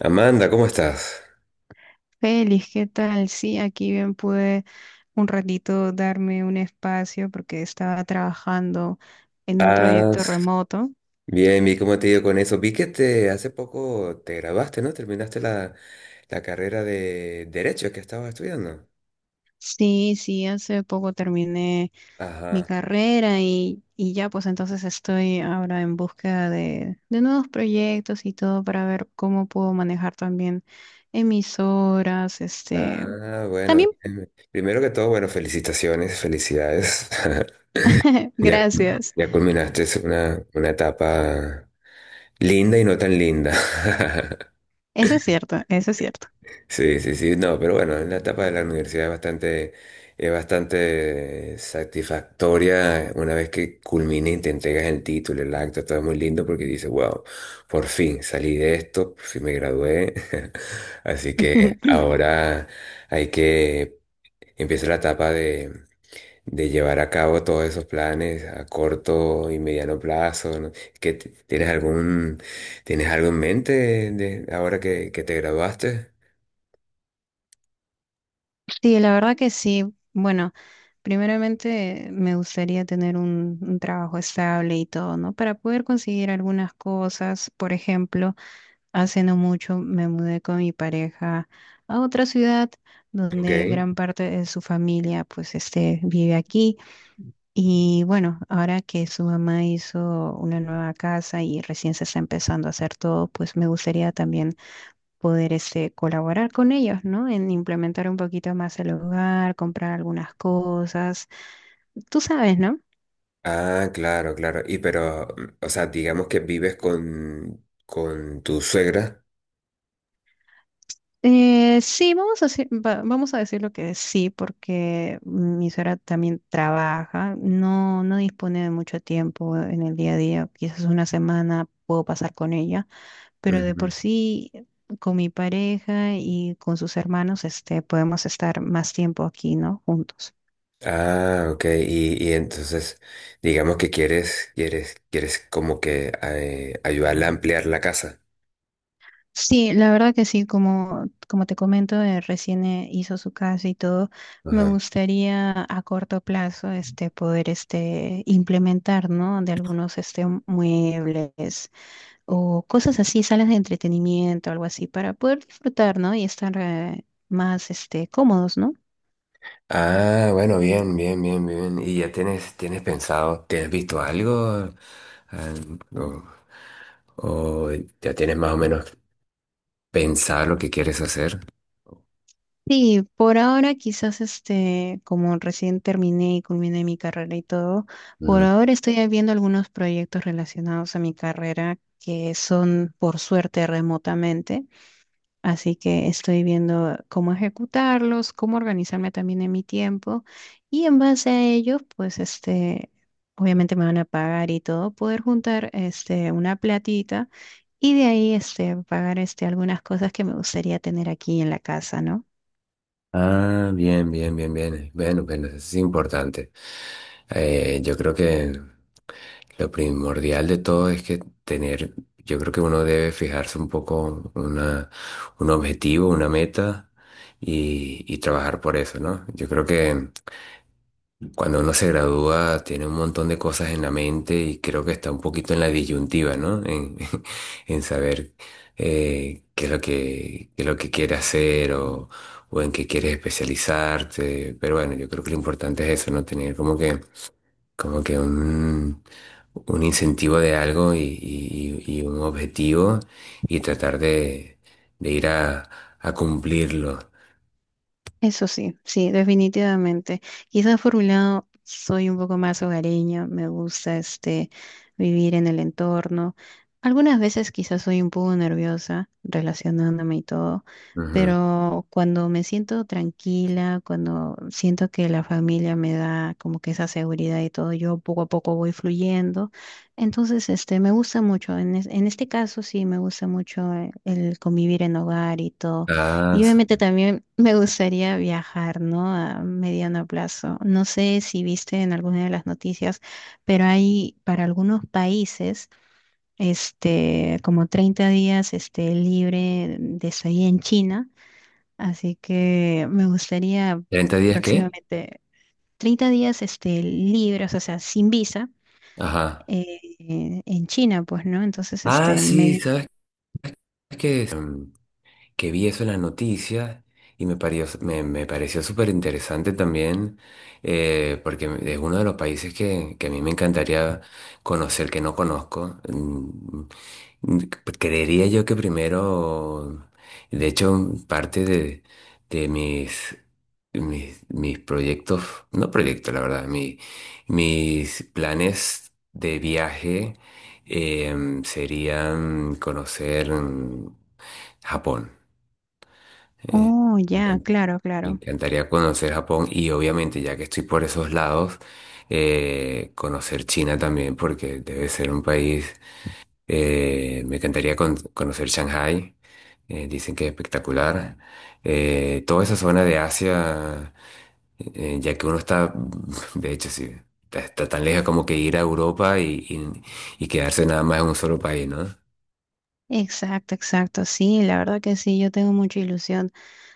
Amanda, ¿cómo estás? Feliz, ¿qué tal? Sí, aquí bien pude un ratito darme un espacio porque estaba trabajando en un Ah, proyecto remoto. bien, vi cómo te ha ido con eso. Vi que hace poco te graduaste, ¿no? Terminaste la carrera de Derecho que estabas estudiando. Sí, sí, hace poco terminé mi Ajá. carrera y ya pues entonces estoy ahora en búsqueda de nuevos proyectos y todo para ver cómo puedo manejar también emisoras, Ah, bueno, también, bien. Primero que todo, bueno, felicitaciones, felicidades. Ya, gracias. ya culminaste una etapa linda y no tan linda. Eso es cierto, eso es cierto. Sí, sí, sí, no, pero bueno, en la etapa de la universidad es bastante satisfactoria una vez que culmina y te entregas el título, el acta, todo es muy lindo porque dices, wow, por fin salí de esto, por fin me gradué. Así que ahora hay que, empieza la etapa de llevar a cabo todos esos planes a corto y mediano plazo, ¿no? Tienes tienes algo en mente de, ahora que te graduaste? Sí, la verdad que sí. Bueno, primeramente me gustaría tener un trabajo estable y todo, ¿no? Para poder conseguir algunas cosas. Por ejemplo, hace no mucho me mudé con mi pareja a otra ciudad Ok. donde gran parte de su familia, pues, vive aquí. Y bueno, ahora que su mamá hizo una nueva casa y recién se está empezando a hacer todo, pues me gustaría también poder colaborar con ellos, ¿no? En implementar un poquito más el hogar, comprar algunas cosas. Tú sabes, ¿no? Ah, claro, claro. Y pero, o sea, digamos que vives con tu suegra. Sí, vamos a decir, vamos a decir lo que es sí, porque mi suegra también trabaja, no, no dispone de mucho tiempo en el día a día, quizás una semana puedo pasar con ella, pero de por Ujú. sí con mi pareja y con sus hermanos, podemos estar más tiempo aquí, ¿no? Juntos. Ah, ok. Y entonces, digamos que quieres como que ayudarla a ampliar la casa. Sí, la verdad que sí, como, como te comento, recién hizo su casa y todo, me Ajá. gustaría a corto plazo poder implementar, ¿no? De algunos muebles o cosas así, salas de entretenimiento, algo así, para poder disfrutar, ¿no? Y estar más cómodos, ¿no? Ah, bueno, bien, bien, bien, bien. ¿Y ya tienes pensado, tienes visto algo? Ah, o, o ya tienes más o menos pensado lo que quieres hacer? Sí, por ahora quizás como recién terminé y culminé mi carrera y todo, por ahora estoy viendo algunos proyectos relacionados a mi carrera que son por suerte remotamente, así que estoy viendo cómo ejecutarlos, cómo organizarme también en mi tiempo y en base a ello, pues obviamente me van a pagar y todo, poder juntar una platita y de ahí pagar algunas cosas que me gustaría tener aquí en la casa, ¿no? Ah, bien, bien, bien, bien. Bueno, bueno, eso es importante. Yo creo que lo primordial de todo es que tener, yo creo que uno debe fijarse un poco una, un objetivo, una meta y trabajar por eso, ¿no? Yo creo que cuando uno se gradúa, tiene un montón de cosas en la mente y creo que está un poquito en la disyuntiva, ¿no? En, en saber qué es lo qué es lo que quiere hacer o en qué quieres especializarte. Pero bueno, yo creo que lo importante es eso, ¿no? Tener como como que un incentivo de algo y un objetivo y tratar de ir a cumplirlo. Eso sí, sí, definitivamente. Quizás por un lado soy un poco más hogareña, me gusta vivir en el entorno. Algunas veces quizás soy un poco nerviosa relacionándome y todo, Ujú. pero cuando me siento tranquila, cuando siento que la familia me da como que esa seguridad y todo, yo poco a poco voy fluyendo. Entonces, me gusta mucho. En este caso sí, me gusta mucho el convivir en hogar y todo. Y ¿Estás- obviamente también me gustaría viajar, ¿no? A mediano plazo. No sé si viste en alguna de las noticias, pero hay para algunos países, como 30 días, libre de estadía en China. Así que me gustaría ¿30 días qué? próximamente 30 días, libres, o sea, sin visa, Ajá. eh, en China, pues, ¿no? Entonces, Ah, sí, me... ¿sabes qué es? Que vi eso en las noticias y me pareció, me pareció súper interesante también, porque es uno de los países que a mí me encantaría conocer, que no conozco. Mm, Creería yo que primero, de hecho, parte de Mis, mis proyectos, no proyectos, la verdad, mis planes de viaje serían conocer Japón. Eh, Oh, me ya, encanta- claro, Me claro. encantaría conocer Japón y obviamente ya que estoy por esos lados, conocer China también porque debe ser un país, me encantaría conocer Shanghái, dicen que es espectacular. Toda esa zona de Asia, ya que uno está, de hecho sí, está, está tan lejos como que ir a Europa y quedarse nada más en un solo país, ¿no? Exacto, exacto. Sí, la verdad que sí, yo tengo mucha ilusión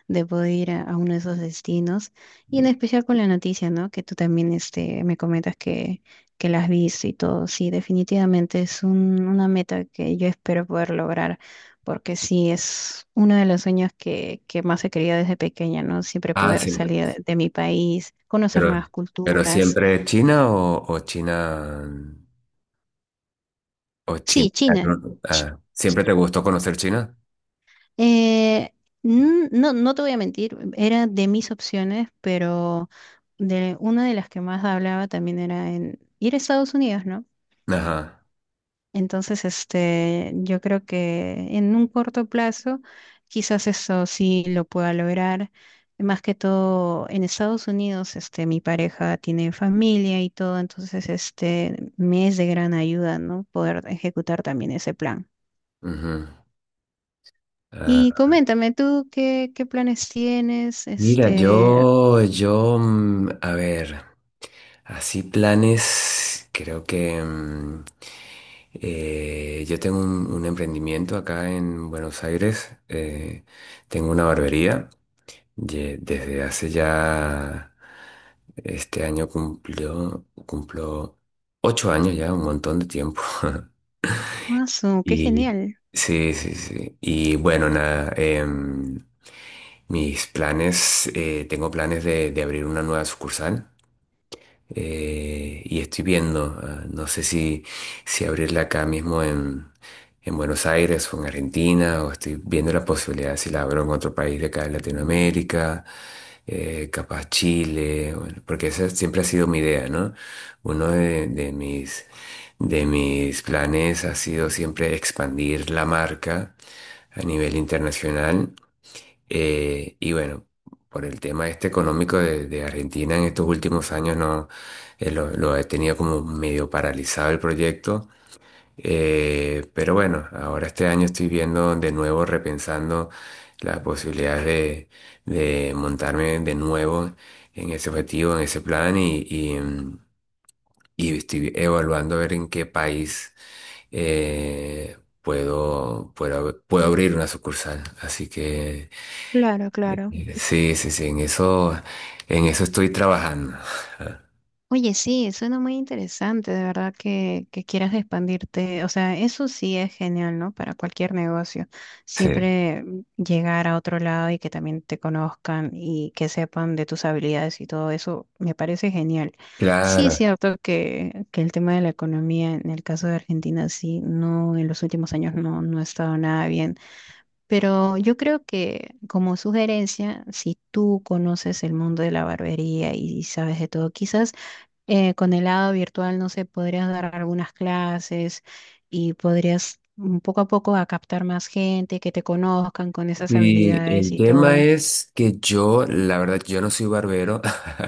de poder ir a uno de esos destinos y en especial con la noticia, ¿no? Que tú también me comentas que la has visto y todo. Sí, definitivamente es una meta que yo espero poder lograr porque sí, es uno de los sueños que más he querido desde pequeña, ¿no? Siempre Ah, poder sí, salir de mi país, conocer pero, nuevas pero culturas. siempre China o China. O China. Sí, China. ¿No? Ah, ¿siempre te gustó conocer China? Eh, no, no te voy a mentir, era de mis opciones, pero de una de las que más hablaba también era en ir a Estados Unidos, ¿no? Ajá. Entonces, yo creo que en un corto plazo, quizás eso sí lo pueda lograr. Más que todo, en Estados Unidos, mi pareja tiene familia y todo, entonces, me es de gran ayuda, ¿no? Poder ejecutar también ese plan. Ujú. Y Ah, coméntame tú qué, qué planes tienes, mira, este, a ver, así planes, creo que yo tengo un emprendimiento acá en Buenos Aires, tengo una barbería, desde hace ya, este año cumplo ocho años ya, un montón de tiempo. Mazo, qué Y genial. sí, sí, sí. Y bueno, nada, em, mis planes, tengo planes de abrir una nueva sucursal y estoy viendo, ah, no sé si abrirla acá mismo en Buenos Aires o en Argentina, o estoy viendo la posibilidad si la abro en otro país de acá de Latinoamérica, capaz Chile, bueno, porque esa siempre ha sido mi idea, ¿no? Uno de mis planes ha sido siempre expandir la marca a nivel internacional. Y bueno, por el tema este económico de Argentina en estos últimos años no lo he tenido como medio paralizado el proyecto. Pero bueno, ahora este año estoy viendo de nuevo, repensando las posibilidades de montarme de nuevo en ese objetivo, en ese plan y estoy evaluando a ver en qué país puedo abrir una sucursal. Así que... Claro, claro. Sí, sí, sí, en eso estoy trabajando. Oye, sí, suena muy interesante, de verdad que quieras expandirte. O sea, eso sí es genial, ¿no? Para cualquier negocio. Sí, Siempre llegar a otro lado y que también te conozcan y que sepan de tus habilidades y todo eso, me parece genial. Sí es claro. cierto que el tema de la economía en el caso de Argentina, sí, no, en los últimos años no ha estado nada bien. Pero yo creo que como sugerencia, si tú conoces el mundo de la barbería y sabes de todo, quizás con el lado virtual, no sé, podrías dar algunas clases y podrías mm, poco a poco a captar más gente, que te conozcan con esas Sí. habilidades El y tema todo. es que yo, la verdad, yo no soy barbero.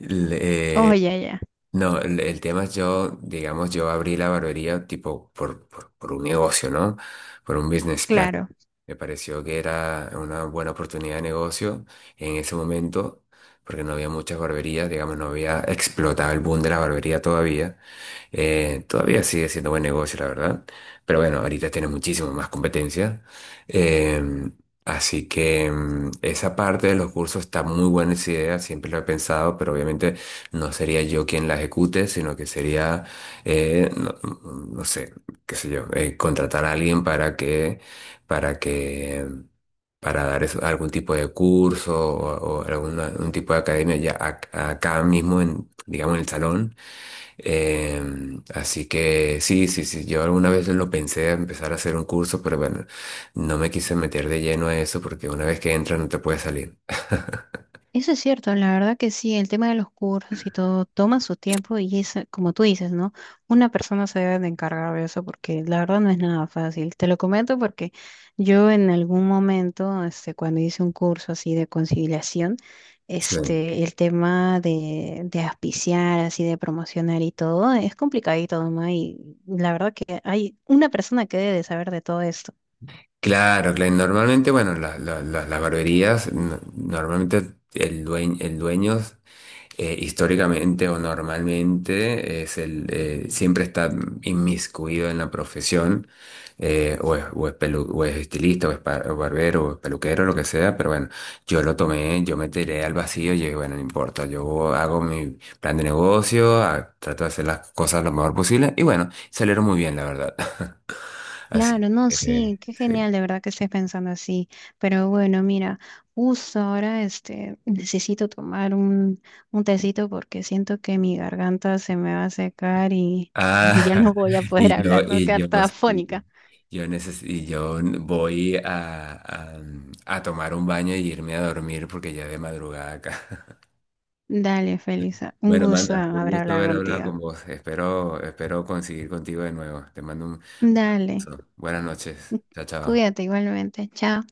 Le- Oh, eh, ya, ya, no, el tema es yo, digamos, yo abrí la barbería tipo por un negocio, ¿no? Por un business plan. claro. Me pareció que era una buena oportunidad de negocio en ese momento, porque no había muchas barberías, digamos, no había explotado el boom de la barbería todavía. Todavía sigue siendo buen negocio, la verdad. Pero bueno, ahorita tiene muchísimo más competencia. Eh, así que mm, esa parte de los cursos está muy buena esa idea, siempre lo he pensado, pero obviamente no sería yo quien la ejecute, sino que sería, no, no sé, qué sé yo, contratar a alguien para que, para dar algún tipo de curso o algún tipo de academia ya acá mismo en, digamos, en el salón. Em, así que sí, sí, sí, yo alguna vez lo pensé de empezar a hacer un curso, pero bueno, no me quise meter de lleno a eso porque una vez que entras no te puedes salir. Eso es cierto, la verdad que sí, el tema de los cursos y todo toma su tiempo y es, como tú dices, ¿no? Una persona se debe de encargar de eso porque la verdad no es nada fácil. Te lo comento porque yo en algún momento, cuando hice un curso así de conciliación, Sí. El tema de auspiciar, así de promocionar y todo, es complicadito, ¿no? Y la verdad que hay una persona que debe de saber de todo esto. Claro, claro. Normalmente, bueno, las barberías, normalmente el dueño históricamente o normalmente es el, siempre está inmiscuido en la profesión, o es o es estilista, o es o barbero, o es peluquero, lo que sea, pero bueno, yo lo tomé, yo me tiré al vacío y dije, bueno, no importa, yo hago mi plan de negocio, trato de hacer las cosas lo mejor posible y bueno, salieron muy bien, la verdad. Así Claro, no, que, sí, qué sí. genial de verdad que estés pensando así. Pero bueno, mira, justo ahora necesito tomar un tecito porque siento que mi garganta se me va a secar y, Ah, y ya no voy a poder y yo, hablar, me voy a y yo, quedar toda sí, afónica. yo neces y yo voy a, a tomar un baño y irme a dormir porque ya es de madrugada acá. Dale, Felisa, un Bueno, gusto manda, un haber gusto hablado haber hablado contigo. con vos. Espero, espero conseguir contigo de nuevo. Te mando un Dale, beso. Buenas noches. Chao, chao. cuídate igualmente, chao.